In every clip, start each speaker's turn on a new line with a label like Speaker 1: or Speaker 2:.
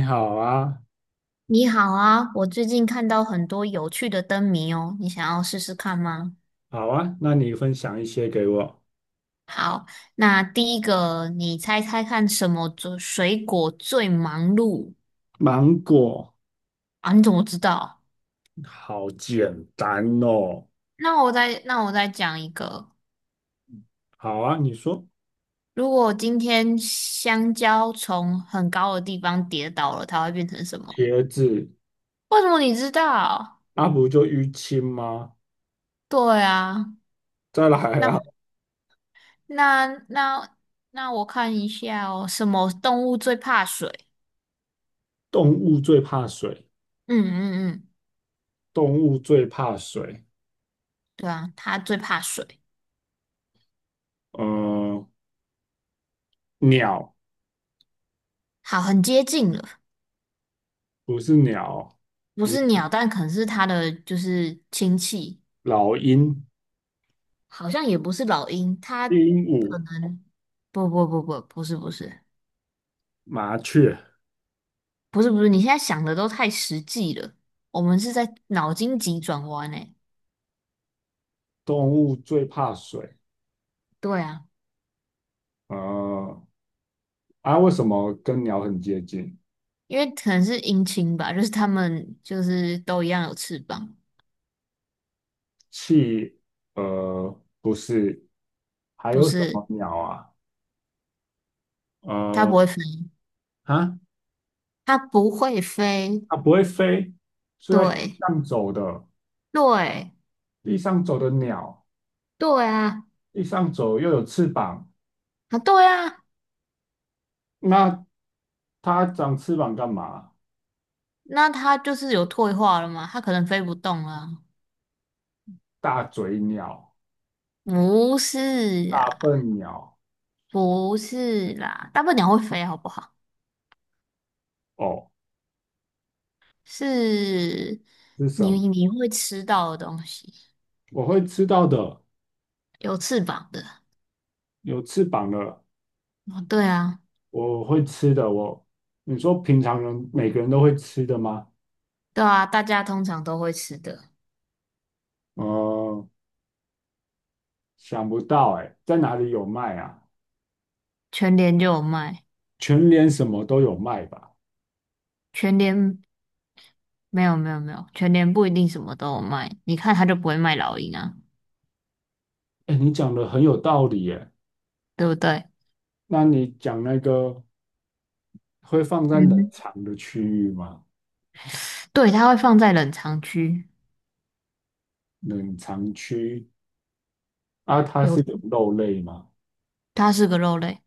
Speaker 1: 你好啊，
Speaker 2: 你好啊，我最近看到很多有趣的灯谜哦，你想要试试看吗？
Speaker 1: 好啊，那你分享一些给我。
Speaker 2: 好，那第一个，你猜猜看什么最水果最忙碌。
Speaker 1: 芒果，
Speaker 2: 啊？你怎么知道？
Speaker 1: 好简单哦。
Speaker 2: 那我再讲一个，
Speaker 1: 好啊，你说
Speaker 2: 如果今天香蕉从很高的地方跌倒了，它会变成什么？
Speaker 1: 茄子，
Speaker 2: 为什么你知道？
Speaker 1: 啊不就淤青吗？
Speaker 2: 对啊。
Speaker 1: 再来啊，
Speaker 2: 那那那那我看一下哦，什么动物最怕水？
Speaker 1: 动物最怕水，
Speaker 2: 嗯嗯嗯。
Speaker 1: 动物最怕水。
Speaker 2: 对啊，它最怕水。
Speaker 1: 嗯，鸟
Speaker 2: 好，很接近了。
Speaker 1: 不是鸟，
Speaker 2: 不是鸟，但可能是它的就是亲戚，
Speaker 1: 老鹰、
Speaker 2: 好像也不是老鹰，它
Speaker 1: 鹦
Speaker 2: 可
Speaker 1: 鹉、
Speaker 2: 能不是不是
Speaker 1: 麻雀，
Speaker 2: 不是不是，你现在想的都太实际了，我们是在脑筋急转弯诶。
Speaker 1: 动物最怕水。
Speaker 2: 对啊，
Speaker 1: 呃，啊，为什么跟鸟很接近？
Speaker 2: 因为可能是鹰青吧，就是它们就是都一样有翅膀，
Speaker 1: 企鹅不是，还
Speaker 2: 不
Speaker 1: 有什
Speaker 2: 是。
Speaker 1: 么鸟啊？
Speaker 2: 它
Speaker 1: 呃，
Speaker 2: 不会飞，
Speaker 1: 啊，
Speaker 2: 它不会飞，
Speaker 1: 它不会飞，是在地
Speaker 2: 对
Speaker 1: 上走的，
Speaker 2: 对
Speaker 1: 地上走的鸟，
Speaker 2: 对啊，
Speaker 1: 地上走又有翅膀，
Speaker 2: 啊对啊。
Speaker 1: 那它长翅膀干嘛？
Speaker 2: 那它就是有退化了吗？它可能飞不动了。
Speaker 1: 大嘴鸟、
Speaker 2: 不是啦，
Speaker 1: 大笨鸟，
Speaker 2: 不是啦，大笨鸟会飞，好不好？
Speaker 1: 哦，
Speaker 2: 是
Speaker 1: 是什
Speaker 2: 你
Speaker 1: 么？
Speaker 2: 你会吃到的东西，
Speaker 1: 我会吃到的，
Speaker 2: 有翅膀的。
Speaker 1: 有翅膀的，
Speaker 2: 哦，对啊，
Speaker 1: 我会吃的。我，你说平常人每个人都会吃的吗？
Speaker 2: 对啊，大家通常都会吃的。
Speaker 1: 呃，想不到哎、在哪里有卖啊？
Speaker 2: 全联就有卖，
Speaker 1: 全联什么都有卖吧？
Speaker 2: 全联没有没有没有，全联不一定什么都有卖。你看它就不会卖老鹰啊，
Speaker 1: 哎，你讲的很有道理耶。
Speaker 2: 对不对？
Speaker 1: 那你讲那个会放在冷
Speaker 2: 嗯，
Speaker 1: 藏的区域吗？
Speaker 2: 对，它会放在冷藏区，
Speaker 1: 冷藏区啊，它
Speaker 2: 有，
Speaker 1: 是有肉类吗？
Speaker 2: 它是个肉类。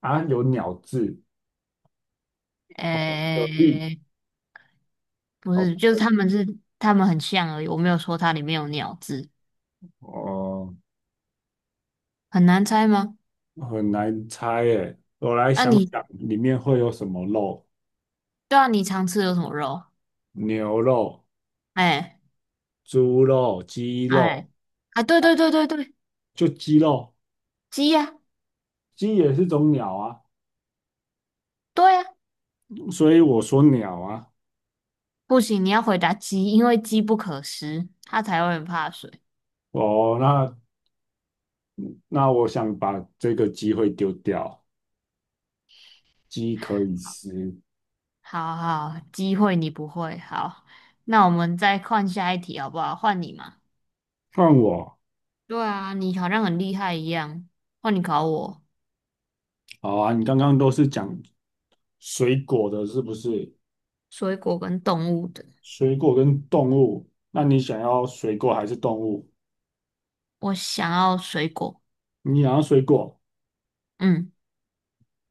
Speaker 1: 啊，有鸟字，哦，蛤蜊，
Speaker 2: 诶、不
Speaker 1: 哦，
Speaker 2: 是，就是他们是他们很像而已，我没有说它里面有鸟字，
Speaker 1: 哦，
Speaker 2: 很难猜吗？
Speaker 1: 很难猜耶。我来
Speaker 2: 啊
Speaker 1: 想
Speaker 2: 你，
Speaker 1: 想，里面会有什么肉？
Speaker 2: 对啊，你常吃的有什么肉？
Speaker 1: 牛肉、
Speaker 2: 哎
Speaker 1: 猪肉、鸡肉，
Speaker 2: 哎啊，对对对对对，
Speaker 1: 就鸡肉，
Speaker 2: 鸡呀、
Speaker 1: 鸡也是种鸟啊，
Speaker 2: 对呀、
Speaker 1: 所以我说鸟啊。
Speaker 2: 不行，你要回答鸡，因为鸡不可食，它才会很怕水。
Speaker 1: 哦，那我想把这个机会丢掉，鸡可以吃。
Speaker 2: 好好，机会你不会，好，那我们再换下一题好不好？换你嘛。
Speaker 1: 换我，
Speaker 2: 对啊，你好像很厉害一样，换你考我，
Speaker 1: 好啊，你刚刚都是讲水果的，是不是？
Speaker 2: 水果跟动物的，
Speaker 1: 水果跟动物，那你想要水果还是动物？
Speaker 2: 我想要水果，
Speaker 1: 你想要水果？
Speaker 2: 嗯。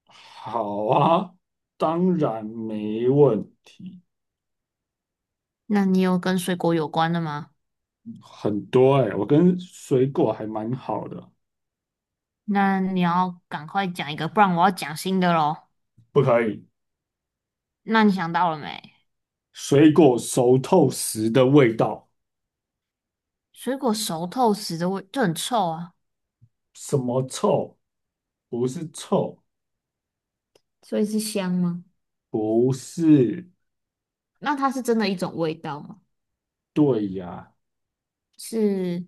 Speaker 1: 好啊，当然没问题。
Speaker 2: 那你有跟水果有关的吗？
Speaker 1: 很多哎、我跟水果还蛮好的。
Speaker 2: 那你要赶快讲一个，不然我要讲新的喽。
Speaker 1: 不可以，
Speaker 2: 那你想到了没？
Speaker 1: 水果熟透时的味道，
Speaker 2: 水果熟透时的味就很臭啊，
Speaker 1: 什么臭？不是臭，
Speaker 2: 所以是香吗？
Speaker 1: 不是，
Speaker 2: 那它是真的一种味道吗？
Speaker 1: 对呀、
Speaker 2: 是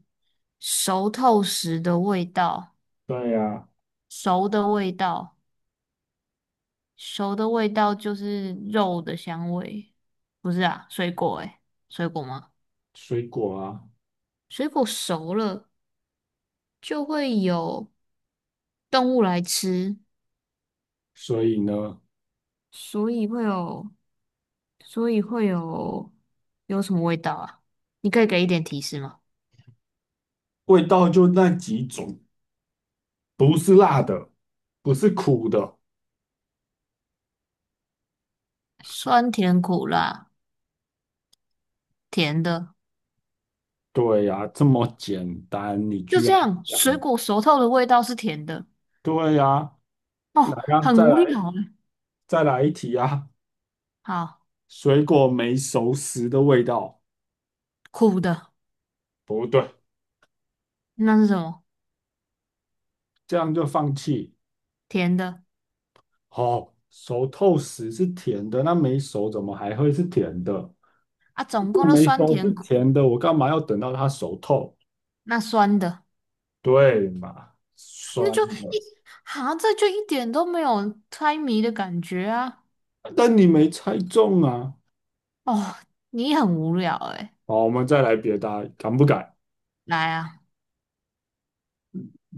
Speaker 2: 熟透时的味道，
Speaker 1: 对呀，
Speaker 2: 熟的味道，熟的味道就是肉的香味，不是啊？水果诶，水果吗？
Speaker 1: 水果啊，
Speaker 2: 水果熟了就会有动物来吃，
Speaker 1: 所以呢，
Speaker 2: 所以会有。所以会有有什么味道啊？你可以给一点提示吗？
Speaker 1: 味道就那几种，不是辣的，不是苦的。
Speaker 2: 酸甜苦辣，甜的，
Speaker 1: 对呀，这么简单，你
Speaker 2: 就
Speaker 1: 居
Speaker 2: 这
Speaker 1: 然
Speaker 2: 样。
Speaker 1: 讲？
Speaker 2: 水果熟透的味道是甜的，
Speaker 1: 对呀，
Speaker 2: 哦，
Speaker 1: 来呀，
Speaker 2: 很
Speaker 1: 再
Speaker 2: 无聊
Speaker 1: 来，
Speaker 2: 啊。
Speaker 1: 再来一题啊！
Speaker 2: 好，
Speaker 1: 水果没熟时的味道，
Speaker 2: 苦的，
Speaker 1: 不对，
Speaker 2: 那是什么？
Speaker 1: 这样就放弃。
Speaker 2: 甜的
Speaker 1: 哦，熟透时是甜的，那没熟怎么还会是甜的？
Speaker 2: 啊，
Speaker 1: 如
Speaker 2: 总共
Speaker 1: 果
Speaker 2: 就
Speaker 1: 没
Speaker 2: 酸
Speaker 1: 熟是
Speaker 2: 甜苦，
Speaker 1: 甜的，我干嘛要等到它熟透？
Speaker 2: 那酸的，
Speaker 1: 对嘛，
Speaker 2: 那
Speaker 1: 酸
Speaker 2: 就一，
Speaker 1: 的。
Speaker 2: 好这就一点都没有猜谜的感觉啊。
Speaker 1: 但你没猜中啊！
Speaker 2: 哦，你很无聊诶、
Speaker 1: 好，我们再来别的啊，敢不敢？
Speaker 2: 来啊，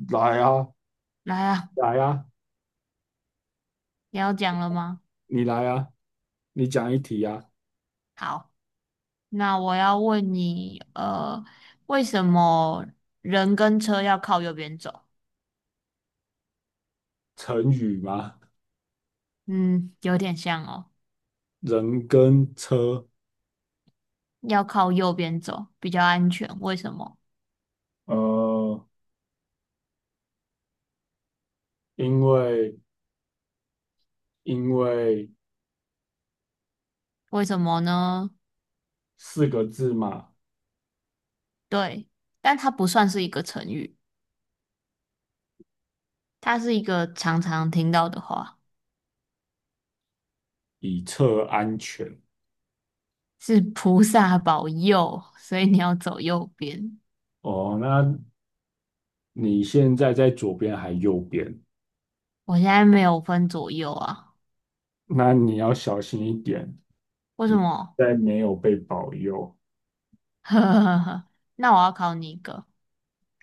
Speaker 1: 来啊，
Speaker 2: 来啊，
Speaker 1: 来啊，
Speaker 2: 你要讲了吗？
Speaker 1: 你来啊，你讲一题啊。
Speaker 2: 好。那我要问你，为什么人跟车要靠右边走？
Speaker 1: 成语吗？
Speaker 2: 嗯，有点像哦，
Speaker 1: 人跟车，
Speaker 2: 要靠右边走比较安全。为什么？
Speaker 1: 呃，因为因为
Speaker 2: 为什么呢？
Speaker 1: 四个字嘛，
Speaker 2: 对，但它不算是一个成语，它是一个常常听到的话，
Speaker 1: 以策安全。
Speaker 2: 是菩萨保佑，所以你要走右边。
Speaker 1: 哦，那你现在在左边还右边？
Speaker 2: 我现在没有分左右啊，
Speaker 1: 那你要小心一点，
Speaker 2: 为什么？
Speaker 1: 在没有被保佑。
Speaker 2: 呵呵呵。那我要考你一个。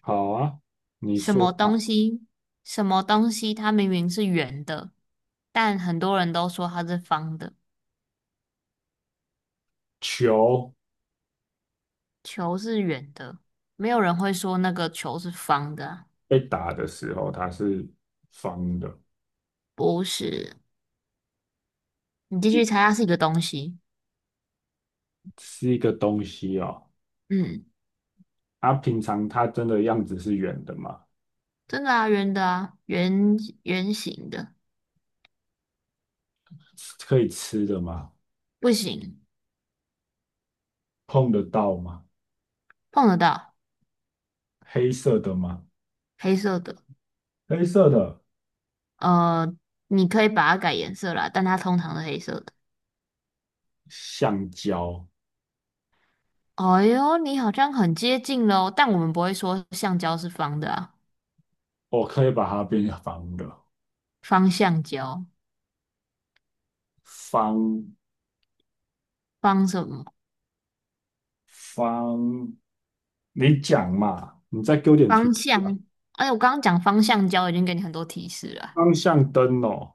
Speaker 1: 好啊，你
Speaker 2: 什
Speaker 1: 说
Speaker 2: 么东
Speaker 1: 吧。
Speaker 2: 西，什么东西，它明明是圆的，但很多人都说它是方的。
Speaker 1: 球。
Speaker 2: 球是圆的，没有人会说那个球是方的啊。
Speaker 1: 被打的时候它是方的，
Speaker 2: 不是，你继续
Speaker 1: 一
Speaker 2: 猜，它是一个东西。
Speaker 1: 是一个东西哦。
Speaker 2: 嗯，
Speaker 1: 它平常它真的样子是圆的吗？
Speaker 2: 真的啊，圆的啊，圆形的，
Speaker 1: 可以吃的吗？
Speaker 2: 不行，
Speaker 1: 碰得到吗？
Speaker 2: 碰得到，
Speaker 1: 黑色的吗？
Speaker 2: 黑色的。
Speaker 1: 黑色的
Speaker 2: 呃，你可以把它改颜色啦，但它通常是黑色的。
Speaker 1: 橡胶，
Speaker 2: 哎呦，你好像很接近喽，但我们不会说橡胶是方的啊，
Speaker 1: 我可以把它变成方的。
Speaker 2: 方橡胶。
Speaker 1: 方
Speaker 2: 方什么？
Speaker 1: 方，你讲嘛，你再给我点提
Speaker 2: 方
Speaker 1: 示啊。
Speaker 2: 向？哎，我刚刚讲方向胶已经给你很多提示了啊。
Speaker 1: 方向灯哦，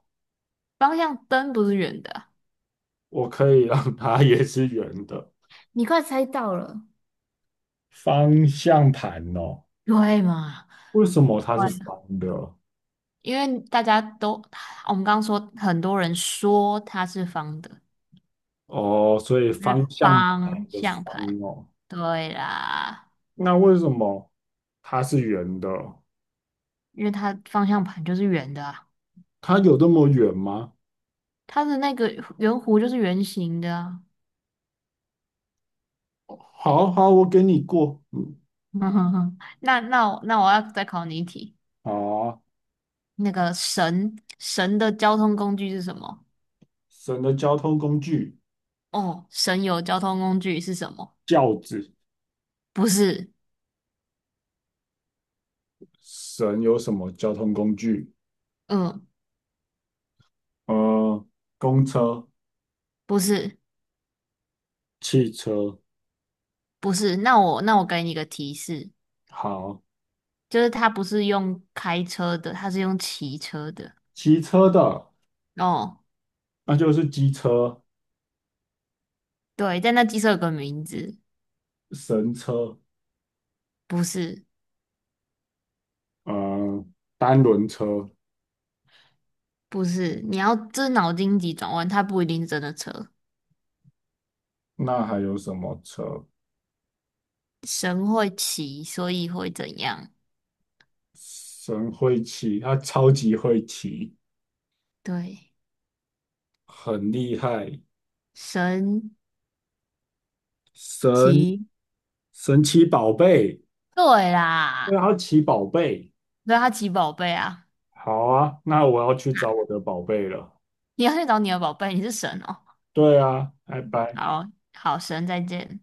Speaker 2: 方向灯不是圆的啊。
Speaker 1: 我可以让它也是圆的。
Speaker 2: 你快猜到了，
Speaker 1: 方向盘哦，
Speaker 2: 对嘛？
Speaker 1: 为什么
Speaker 2: 对
Speaker 1: 它是
Speaker 2: 啊，
Speaker 1: 方的？
Speaker 2: 因为大家都，我们刚刚说很多人说它是方的，
Speaker 1: 哦，所以方
Speaker 2: 是
Speaker 1: 向盘
Speaker 2: 方
Speaker 1: 的
Speaker 2: 向
Speaker 1: 方
Speaker 2: 盘。
Speaker 1: 哦，
Speaker 2: 对啦，
Speaker 1: 那为什么它是圆的？
Speaker 2: 因为它方向盘就是圆的啊，
Speaker 1: 它有那么圆吗？
Speaker 2: 它的那个圆弧就是圆形的啊。
Speaker 1: 好好，我给你过。
Speaker 2: 那我要再考你一题，
Speaker 1: 好啊，
Speaker 2: 那个神的交通工具是什么？
Speaker 1: 神的交通工具，
Speaker 2: 哦，神游交通工具是什么？
Speaker 1: 轿子。
Speaker 2: 不是，
Speaker 1: 神有什么交通工具？
Speaker 2: 嗯，
Speaker 1: 呃，公车、
Speaker 2: 不是，
Speaker 1: 汽车。
Speaker 2: 不是。那我给你一个提示，
Speaker 1: 好，
Speaker 2: 就是它不是用开车的，它是用骑车的。
Speaker 1: 骑车的，
Speaker 2: 哦，
Speaker 1: 那就是机车、
Speaker 2: 对，但那机车有个名字，
Speaker 1: 神车。
Speaker 2: 不是，
Speaker 1: 呃，单轮车。
Speaker 2: 不是。你要这是脑筋急转弯，它不一定是真的车。
Speaker 1: 那还有什么车？
Speaker 2: 神会骑，所以会怎样？
Speaker 1: 神会骑，他超级会骑。
Speaker 2: 对，
Speaker 1: 很厉害，
Speaker 2: 神
Speaker 1: 神
Speaker 2: 骑，
Speaker 1: 神奇宝贝，
Speaker 2: 对
Speaker 1: 对
Speaker 2: 啦，
Speaker 1: 啊，奇宝贝，
Speaker 2: 对啊，他骑宝贝啊。
Speaker 1: 好啊，那我要去
Speaker 2: 啊，
Speaker 1: 找我的宝贝了。
Speaker 2: 你要去找你的宝贝，你是神哦。
Speaker 1: 对啊，拜拜。
Speaker 2: 好。好神，再见。